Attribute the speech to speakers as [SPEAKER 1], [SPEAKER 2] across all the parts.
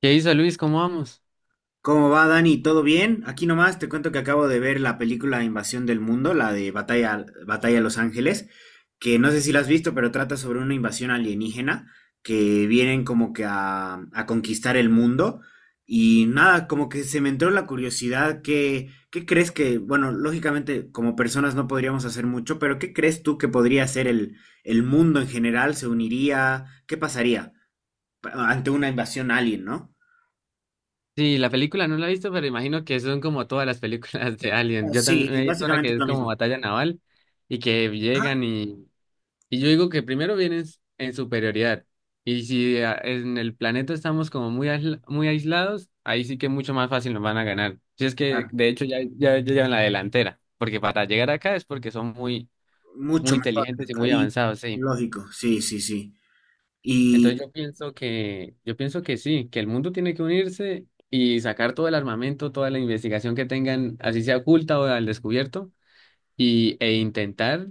[SPEAKER 1] ¿Qué hizo Luis? ¿Cómo vamos?
[SPEAKER 2] ¿Cómo va, Dani? ¿Todo bien? Aquí nomás te cuento que acabo de ver la película Invasión del Mundo, la de Batalla Los Ángeles, que no sé si la has visto, pero trata sobre una invasión alienígena que vienen como que a conquistar el mundo. Y nada, como que se me entró la curiosidad. ¿Qué crees que, bueno, lógicamente como personas no podríamos hacer mucho, pero ¿qué crees tú que podría hacer el mundo en general? ¿Se uniría? ¿Qué pasaría ante una invasión alien, ¿no?
[SPEAKER 1] Sí, la película no la he visto, pero imagino que son como todas las películas de Alien. Yo también
[SPEAKER 2] Sí,
[SPEAKER 1] me he visto una
[SPEAKER 2] básicamente
[SPEAKER 1] que
[SPEAKER 2] es
[SPEAKER 1] es
[SPEAKER 2] lo
[SPEAKER 1] como
[SPEAKER 2] mismo.
[SPEAKER 1] batalla naval y que llegan y yo digo que primero vienen en superioridad. Y si en el planeta estamos como muy, muy aislados, ahí sí que mucho más fácil nos van a ganar. Si es que
[SPEAKER 2] Ah,
[SPEAKER 1] de hecho ya llevan la delantera, porque para llegar acá es porque son muy, muy
[SPEAKER 2] mucho mejor.
[SPEAKER 1] inteligentes y muy
[SPEAKER 2] Y
[SPEAKER 1] avanzados, sí.
[SPEAKER 2] lógico, sí, sí, sí. Y
[SPEAKER 1] Entonces yo pienso que sí, que el mundo tiene que unirse y sacar todo el armamento, toda la investigación que tengan, así sea oculta o al descubierto, e intentar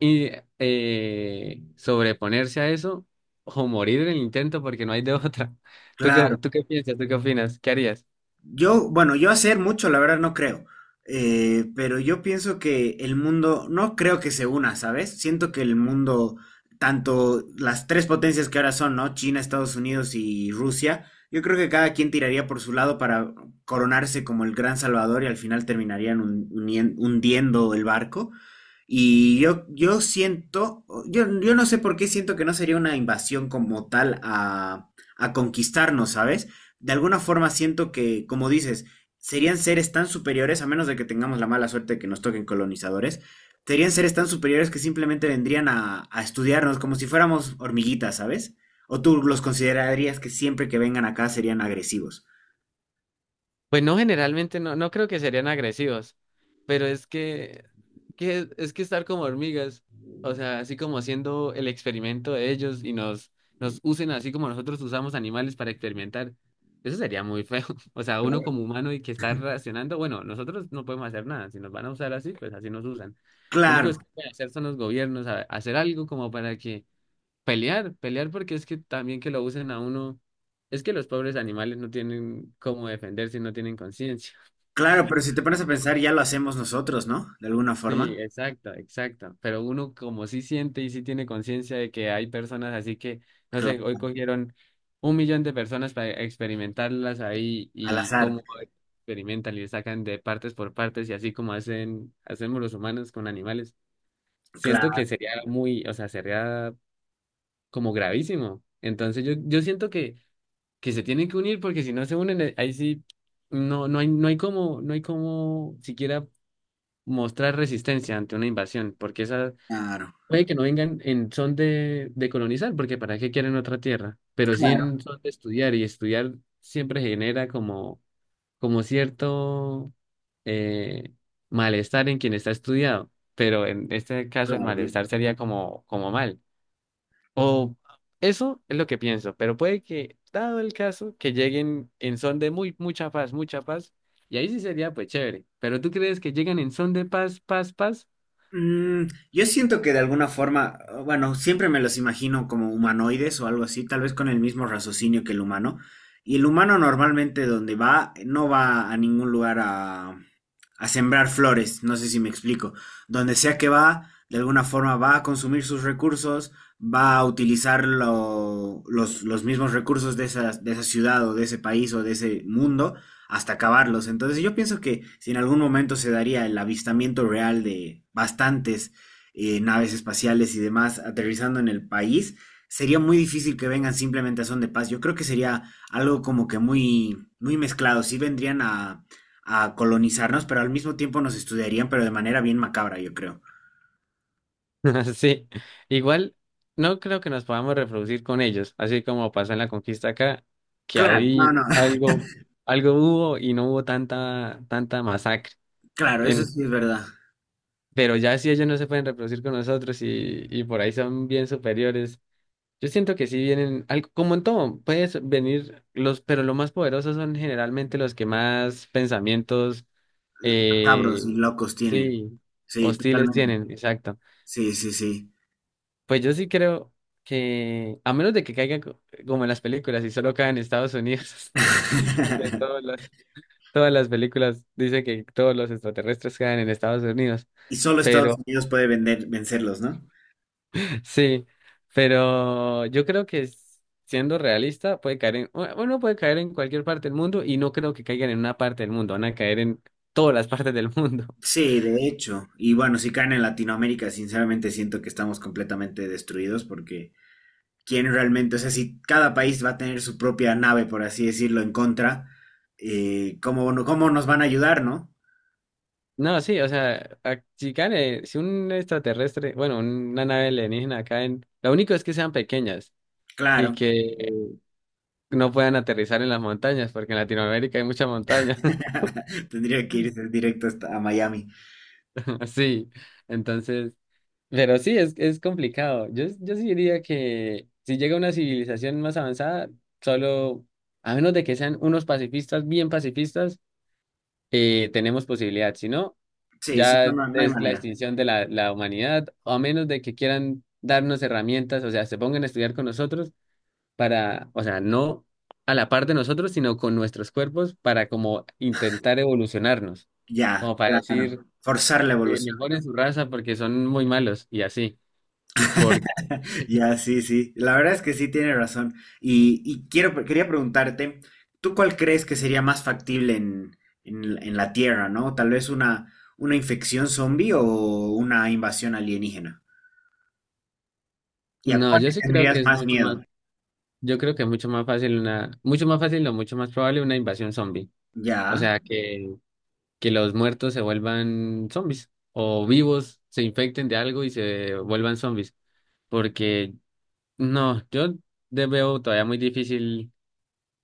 [SPEAKER 1] y sobreponerse a eso o morir en el intento porque no hay de otra. ¿Tú
[SPEAKER 2] claro.
[SPEAKER 1] qué, tú qué piensas? ¿Tú qué opinas? ¿Qué harías?
[SPEAKER 2] Yo, bueno, yo hacer mucho, la verdad no creo. Pero yo pienso que el mundo, no creo que se una, ¿sabes? Siento que el mundo, tanto las tres potencias que ahora son, ¿no? China, Estados Unidos y Rusia, yo creo que cada quien tiraría por su lado para coronarse como el gran salvador y al final terminarían hundiendo el barco. Y yo siento, yo no sé por qué siento que no sería una invasión como tal a, conquistarnos, ¿sabes? De alguna forma siento que, como dices, serían seres tan superiores, a menos de que tengamos la mala suerte de que nos toquen colonizadores. Serían seres tan superiores que simplemente vendrían a estudiarnos como si fuéramos hormiguitas, ¿sabes? ¿O tú los considerarías que siempre que vengan acá serían agresivos?
[SPEAKER 1] Pues no, generalmente no creo que serían agresivos, pero es que estar como hormigas, o sea, así como haciendo el experimento de ellos y nos usen así como nosotros usamos animales para experimentar, eso sería muy feo. O sea, uno como humano y que está reaccionando, bueno, nosotros no podemos hacer nada, si nos van a usar así, pues así nos usan. Lo único es
[SPEAKER 2] Claro,
[SPEAKER 1] que pueden hacer son los gobiernos, hacer algo como para que pelear porque es que también que lo usen a uno, es que los pobres animales no tienen cómo defenderse, no tienen conciencia.
[SPEAKER 2] claro, pero si te pones a pensar, ya lo hacemos nosotros, ¿no? De alguna
[SPEAKER 1] Sí,
[SPEAKER 2] forma.
[SPEAKER 1] exacta, exacta. Pero uno como sí siente y sí tiene conciencia de que hay personas así que, no
[SPEAKER 2] Claro,
[SPEAKER 1] sé, hoy cogieron un millón de personas para experimentarlas ahí
[SPEAKER 2] al
[SPEAKER 1] y
[SPEAKER 2] azar.
[SPEAKER 1] cómo experimentan y le sacan de partes por partes y así como hacen, hacemos los humanos con animales. Siento que sería muy, o sea, sería como gravísimo. Entonces yo siento que se tienen que unir porque si no se unen, ahí sí no, no hay, no hay como, no hay como siquiera mostrar resistencia ante una invasión, porque esa,
[SPEAKER 2] Claro,
[SPEAKER 1] puede que no vengan en son de colonizar, porque ¿para qué quieren otra tierra? Pero sí
[SPEAKER 2] claro,
[SPEAKER 1] en son de estudiar, y estudiar siempre genera como cierto, eh, malestar en quien está estudiado, pero en este caso el
[SPEAKER 2] claro.
[SPEAKER 1] malestar sería como, como mal. O eso es lo que pienso, pero puede que, dado el caso, que lleguen en son de mucha paz, y ahí sí sería pues chévere. Pero ¿tú crees que llegan en son de paz, paz, paz?
[SPEAKER 2] Yo siento que de alguna forma, bueno, siempre me los imagino como humanoides o algo así, tal vez con el mismo raciocinio que el humano. Y el humano normalmente donde va, no va a ningún lugar a sembrar flores, no sé si me explico. Donde sea que va, de alguna forma va a consumir sus recursos, va a utilizar los mismos recursos de esa ciudad o de ese país o de ese mundo hasta acabarlos. Entonces yo pienso que si en algún momento se daría el avistamiento real de bastantes naves espaciales y demás aterrizando en el país, sería muy difícil que vengan simplemente a son de paz. Yo creo que sería algo como que muy, muy mezclado. Sí vendrían a colonizarnos, pero al mismo tiempo nos estudiarían, pero de manera bien macabra, yo creo.
[SPEAKER 1] Sí, igual no creo que nos podamos reproducir con ellos, así como pasó en la conquista acá, que
[SPEAKER 2] Claro, no,
[SPEAKER 1] ahí
[SPEAKER 2] no,
[SPEAKER 1] algo hubo y no hubo tanta, tanta masacre.
[SPEAKER 2] claro, eso
[SPEAKER 1] En-
[SPEAKER 2] sí es verdad.
[SPEAKER 1] pero ya si ellos no se pueden reproducir con nosotros y por ahí son bien superiores, yo siento que sí vienen, algo, como en todo, puedes venir los, pero los más poderosos son generalmente los que más pensamientos, eh,
[SPEAKER 2] Macabros y locos tienen.
[SPEAKER 1] sí,
[SPEAKER 2] Sí,
[SPEAKER 1] hostiles
[SPEAKER 2] totalmente.
[SPEAKER 1] tienen, exacto.
[SPEAKER 2] Sí, sí, sí.
[SPEAKER 1] Pues yo sí creo que, a menos de que caiga como en las películas y solo cae en Estados Unidos, porque todas las, todas las películas dicen que todos los extraterrestres caen en Estados Unidos,
[SPEAKER 2] Y solo Estados
[SPEAKER 1] pero
[SPEAKER 2] Unidos puede vencerlos, ¿no?
[SPEAKER 1] sí, pero yo creo que siendo realista puede caer en, uno puede caer en cualquier parte del mundo y no creo que caigan en una parte del mundo, van a caer en todas las partes del mundo.
[SPEAKER 2] Sí, de hecho. Y bueno, si caen en Latinoamérica, sinceramente siento que estamos completamente destruidos porque ¿quién realmente? O sea, si cada país va a tener su propia nave, por así decirlo, en contra, ¿cómo, no- cómo nos van a ayudar, no?
[SPEAKER 1] No, sí, o sea, si caen, si un extraterrestre, bueno, una nave alienígena caen, lo único es que sean pequeñas, y
[SPEAKER 2] Claro.
[SPEAKER 1] que no puedan aterrizar en las montañas, porque en Latinoamérica hay mucha montaña.
[SPEAKER 2] Tendría que irse directo hasta a Miami.
[SPEAKER 1] Sí, entonces, pero sí, es complicado. Yo sí diría que si llega una civilización más avanzada, solo, a menos de que sean unos pacifistas, bien pacifistas, tenemos posibilidad. Si no,
[SPEAKER 2] Sí, sí, no,
[SPEAKER 1] ya
[SPEAKER 2] no, no hay
[SPEAKER 1] es la
[SPEAKER 2] manera.
[SPEAKER 1] extinción de la humanidad, o a menos de que quieran darnos herramientas, o sea, se pongan a estudiar con nosotros, para, o sea, no a la par de nosotros, sino con nuestros cuerpos para como intentar evolucionarnos,
[SPEAKER 2] Ya,
[SPEAKER 1] como para decir,
[SPEAKER 2] claro. Forzar la evolución.
[SPEAKER 1] mejoren su raza porque son muy malos y así. Por,
[SPEAKER 2] Ya, sí, sí. La verdad es que sí tiene razón. Y quería preguntarte, ¿tú cuál crees que sería más factible en la Tierra, ¿no? Tal vez una infección zombie o una invasión alienígena. ¿Y a
[SPEAKER 1] no,
[SPEAKER 2] cuál
[SPEAKER 1] yo
[SPEAKER 2] le
[SPEAKER 1] sí creo que
[SPEAKER 2] tendrías
[SPEAKER 1] es
[SPEAKER 2] más
[SPEAKER 1] mucho más,
[SPEAKER 2] miedo?
[SPEAKER 1] fácil una, mucho más fácil o mucho más probable una invasión zombie. O
[SPEAKER 2] Ya.
[SPEAKER 1] sea, que los muertos se vuelvan zombies o vivos se infecten de algo y se vuelvan zombies. Porque no, yo veo todavía muy difícil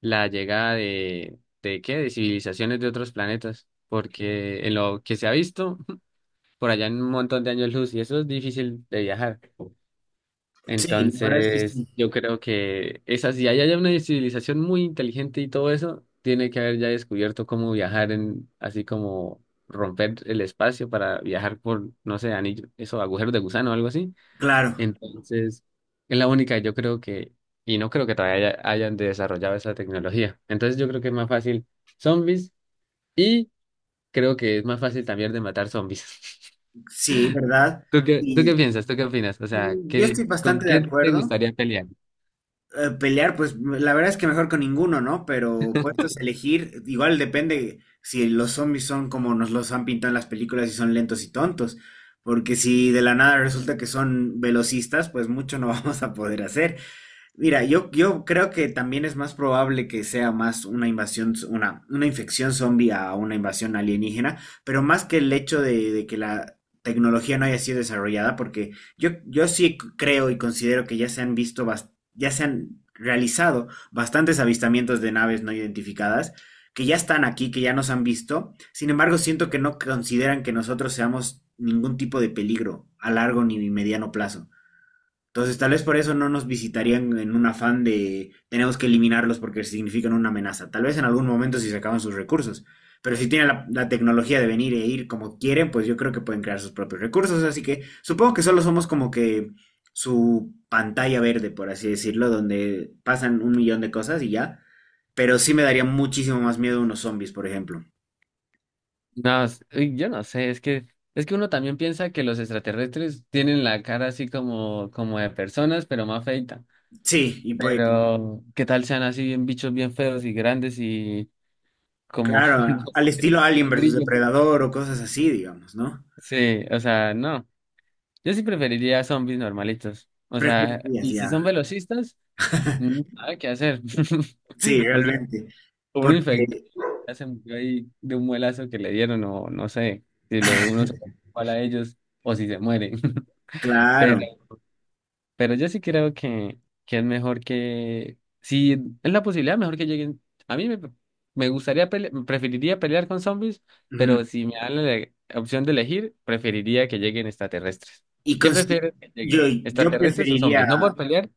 [SPEAKER 1] la llegada ¿de qué? De civilizaciones de otros planetas, porque en lo que se ha visto, por allá en un montón de años luz, y eso es difícil de viajar.
[SPEAKER 2] Sí, la verdad es que
[SPEAKER 1] Entonces,
[SPEAKER 2] sí.
[SPEAKER 1] yo creo que esa, si hay allá una civilización muy inteligente y todo eso, tiene que haber ya descubierto cómo viajar en, así como romper el espacio para viajar por, no sé, anillo, eso, agujeros de gusano o algo así.
[SPEAKER 2] Claro,
[SPEAKER 1] Entonces, es la única, yo creo que, y no creo que todavía hayan desarrollado esa tecnología. Entonces, yo creo que es más fácil zombies y creo que es más fácil también de matar zombies.
[SPEAKER 2] sí, ¿verdad?
[SPEAKER 1] ¿Tú qué
[SPEAKER 2] Y
[SPEAKER 1] piensas? ¿Tú qué opinas? O sea,
[SPEAKER 2] y yo
[SPEAKER 1] ¿qué,
[SPEAKER 2] estoy
[SPEAKER 1] con
[SPEAKER 2] bastante de
[SPEAKER 1] quién te
[SPEAKER 2] acuerdo.
[SPEAKER 1] gustaría pelear?
[SPEAKER 2] Pelear, pues la verdad es que mejor con ninguno, ¿no? Pero puestos a elegir, igual depende si los zombies son como nos los han pintado en las películas y son lentos y tontos. Porque si de la nada resulta que son velocistas, pues mucho no vamos a poder hacer. Mira, yo creo que también es más probable que sea más una invasión, una infección zombie a una invasión alienígena, pero más que el hecho de que la tecnología no haya sido desarrollada, porque yo sí creo y considero que ya se han visto, ya se han realizado bastantes avistamientos de naves no identificadas, que ya están aquí, que ya nos han visto. Sin embargo, siento que no consideran que nosotros seamos ningún tipo de peligro a largo ni mediano plazo. Entonces, tal vez por eso no nos visitarían en un afán de tenemos que eliminarlos porque significan una amenaza. Tal vez en algún momento si se acaban sus recursos. Pero si tienen la tecnología de venir e ir como quieren, pues yo creo que pueden crear sus propios recursos. Así que supongo que solo somos como que su pantalla verde, por así decirlo, donde pasan un millón de cosas y ya. Pero sí me daría muchísimo más miedo unos zombies, por ejemplo.
[SPEAKER 1] No, uy, yo no sé, es que uno también piensa que los extraterrestres tienen la cara así como como de personas, pero más feita.
[SPEAKER 2] Sí, y pues,
[SPEAKER 1] Pero ¿qué tal sean así bien bichos bien feos y grandes y como
[SPEAKER 2] claro,
[SPEAKER 1] no
[SPEAKER 2] al
[SPEAKER 1] sé,
[SPEAKER 2] estilo Alien
[SPEAKER 1] un
[SPEAKER 2] versus
[SPEAKER 1] grillo.
[SPEAKER 2] Depredador o cosas así, digamos, ¿no?
[SPEAKER 1] Sí, o sea, no. Yo sí preferiría zombies normalitos. O sea,
[SPEAKER 2] Preferirías
[SPEAKER 1] y si
[SPEAKER 2] ya.
[SPEAKER 1] son velocistas, nada que hacer.
[SPEAKER 2] Sí,
[SPEAKER 1] O sea,
[SPEAKER 2] realmente.
[SPEAKER 1] uno infectado
[SPEAKER 2] Porque,
[SPEAKER 1] ya se murió ahí de un muelazo que le dieron, o no sé, si lo, uno se igual a ellos, o si se mueren.
[SPEAKER 2] claro.
[SPEAKER 1] Pero yo sí creo que es mejor que, si es la posibilidad, mejor que lleguen. A mí me, me gustaría, preferiría pelear con zombies, pero
[SPEAKER 2] Ujú.
[SPEAKER 1] si me dan la opción de elegir, preferiría que lleguen extraterrestres.
[SPEAKER 2] Y
[SPEAKER 1] ¿Qué
[SPEAKER 2] consi-
[SPEAKER 1] prefieres que lleguen?
[SPEAKER 2] yo, yo
[SPEAKER 1] ¿Extraterrestres o
[SPEAKER 2] preferiría.
[SPEAKER 1] zombies? No por pelear,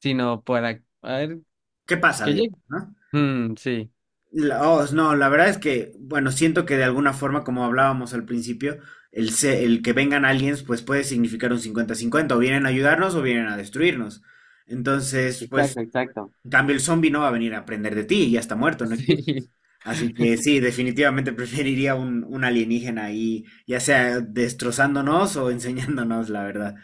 [SPEAKER 1] sino para, a ver,
[SPEAKER 2] ¿Qué pasa,
[SPEAKER 1] que
[SPEAKER 2] digamos,
[SPEAKER 1] lleguen.
[SPEAKER 2] no?
[SPEAKER 1] Mm, sí.
[SPEAKER 2] Oh, no, la verdad es que, bueno, siento que de alguna forma, como hablábamos al principio, el que vengan aliens, pues puede significar un 50-50. O vienen a ayudarnos o vienen a destruirnos. Entonces, pues,
[SPEAKER 1] Exacto, exacto.
[SPEAKER 2] en cambio, el zombie no va a venir a aprender de ti, ya está muerto, no existe.
[SPEAKER 1] Sí.
[SPEAKER 2] Así que sí, definitivamente preferiría un alienígena ahí, ya sea destrozándonos o enseñándonos, la verdad.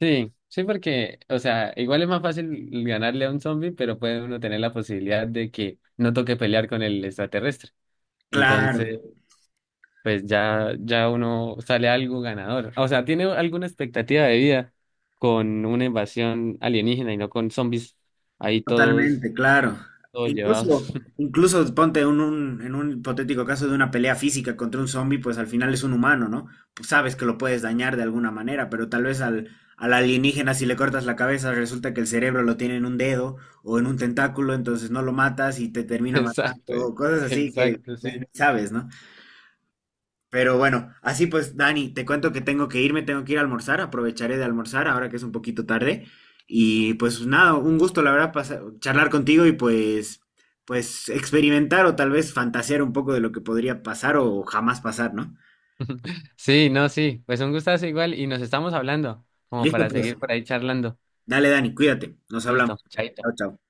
[SPEAKER 1] Sí, sí, porque, o sea, igual es más fácil ganarle a un zombie, pero puede uno tener la posibilidad de que no toque pelear con el extraterrestre.
[SPEAKER 2] Claro,
[SPEAKER 1] Entonces, pues ya, ya uno sale algo ganador. O sea, tiene alguna expectativa de vida con una invasión alienígena y no con zombies ahí todos,
[SPEAKER 2] totalmente, claro. E
[SPEAKER 1] todos llevados.
[SPEAKER 2] incluso, incluso ponte en un hipotético caso de una pelea física contra un zombie, pues al final es un humano, ¿no? Pues sabes que lo puedes dañar de alguna manera, pero tal vez al alienígena si le cortas la cabeza resulta que el cerebro lo tiene en un dedo o en un tentáculo, entonces no lo matas y te termina matando,
[SPEAKER 1] Exacto,
[SPEAKER 2] o cosas así que
[SPEAKER 1] exacto,
[SPEAKER 2] pues, ni
[SPEAKER 1] sí.
[SPEAKER 2] sabes, ¿no? Pero bueno, así pues, Dani, te cuento que tengo que irme, tengo que ir a almorzar, aprovecharé de almorzar ahora que es un poquito tarde. Y pues nada, un gusto la verdad charlar contigo y pues, pues experimentar o tal vez fantasear un poco de lo que podría pasar o jamás pasar, ¿no?
[SPEAKER 1] Sí, no, sí. Pues un gustazo igual y nos estamos hablando como
[SPEAKER 2] Listo,
[SPEAKER 1] para
[SPEAKER 2] pues,
[SPEAKER 1] seguir por ahí charlando.
[SPEAKER 2] dale, Dani, cuídate, nos hablamos.
[SPEAKER 1] Listo, chaito.
[SPEAKER 2] Chao, chao.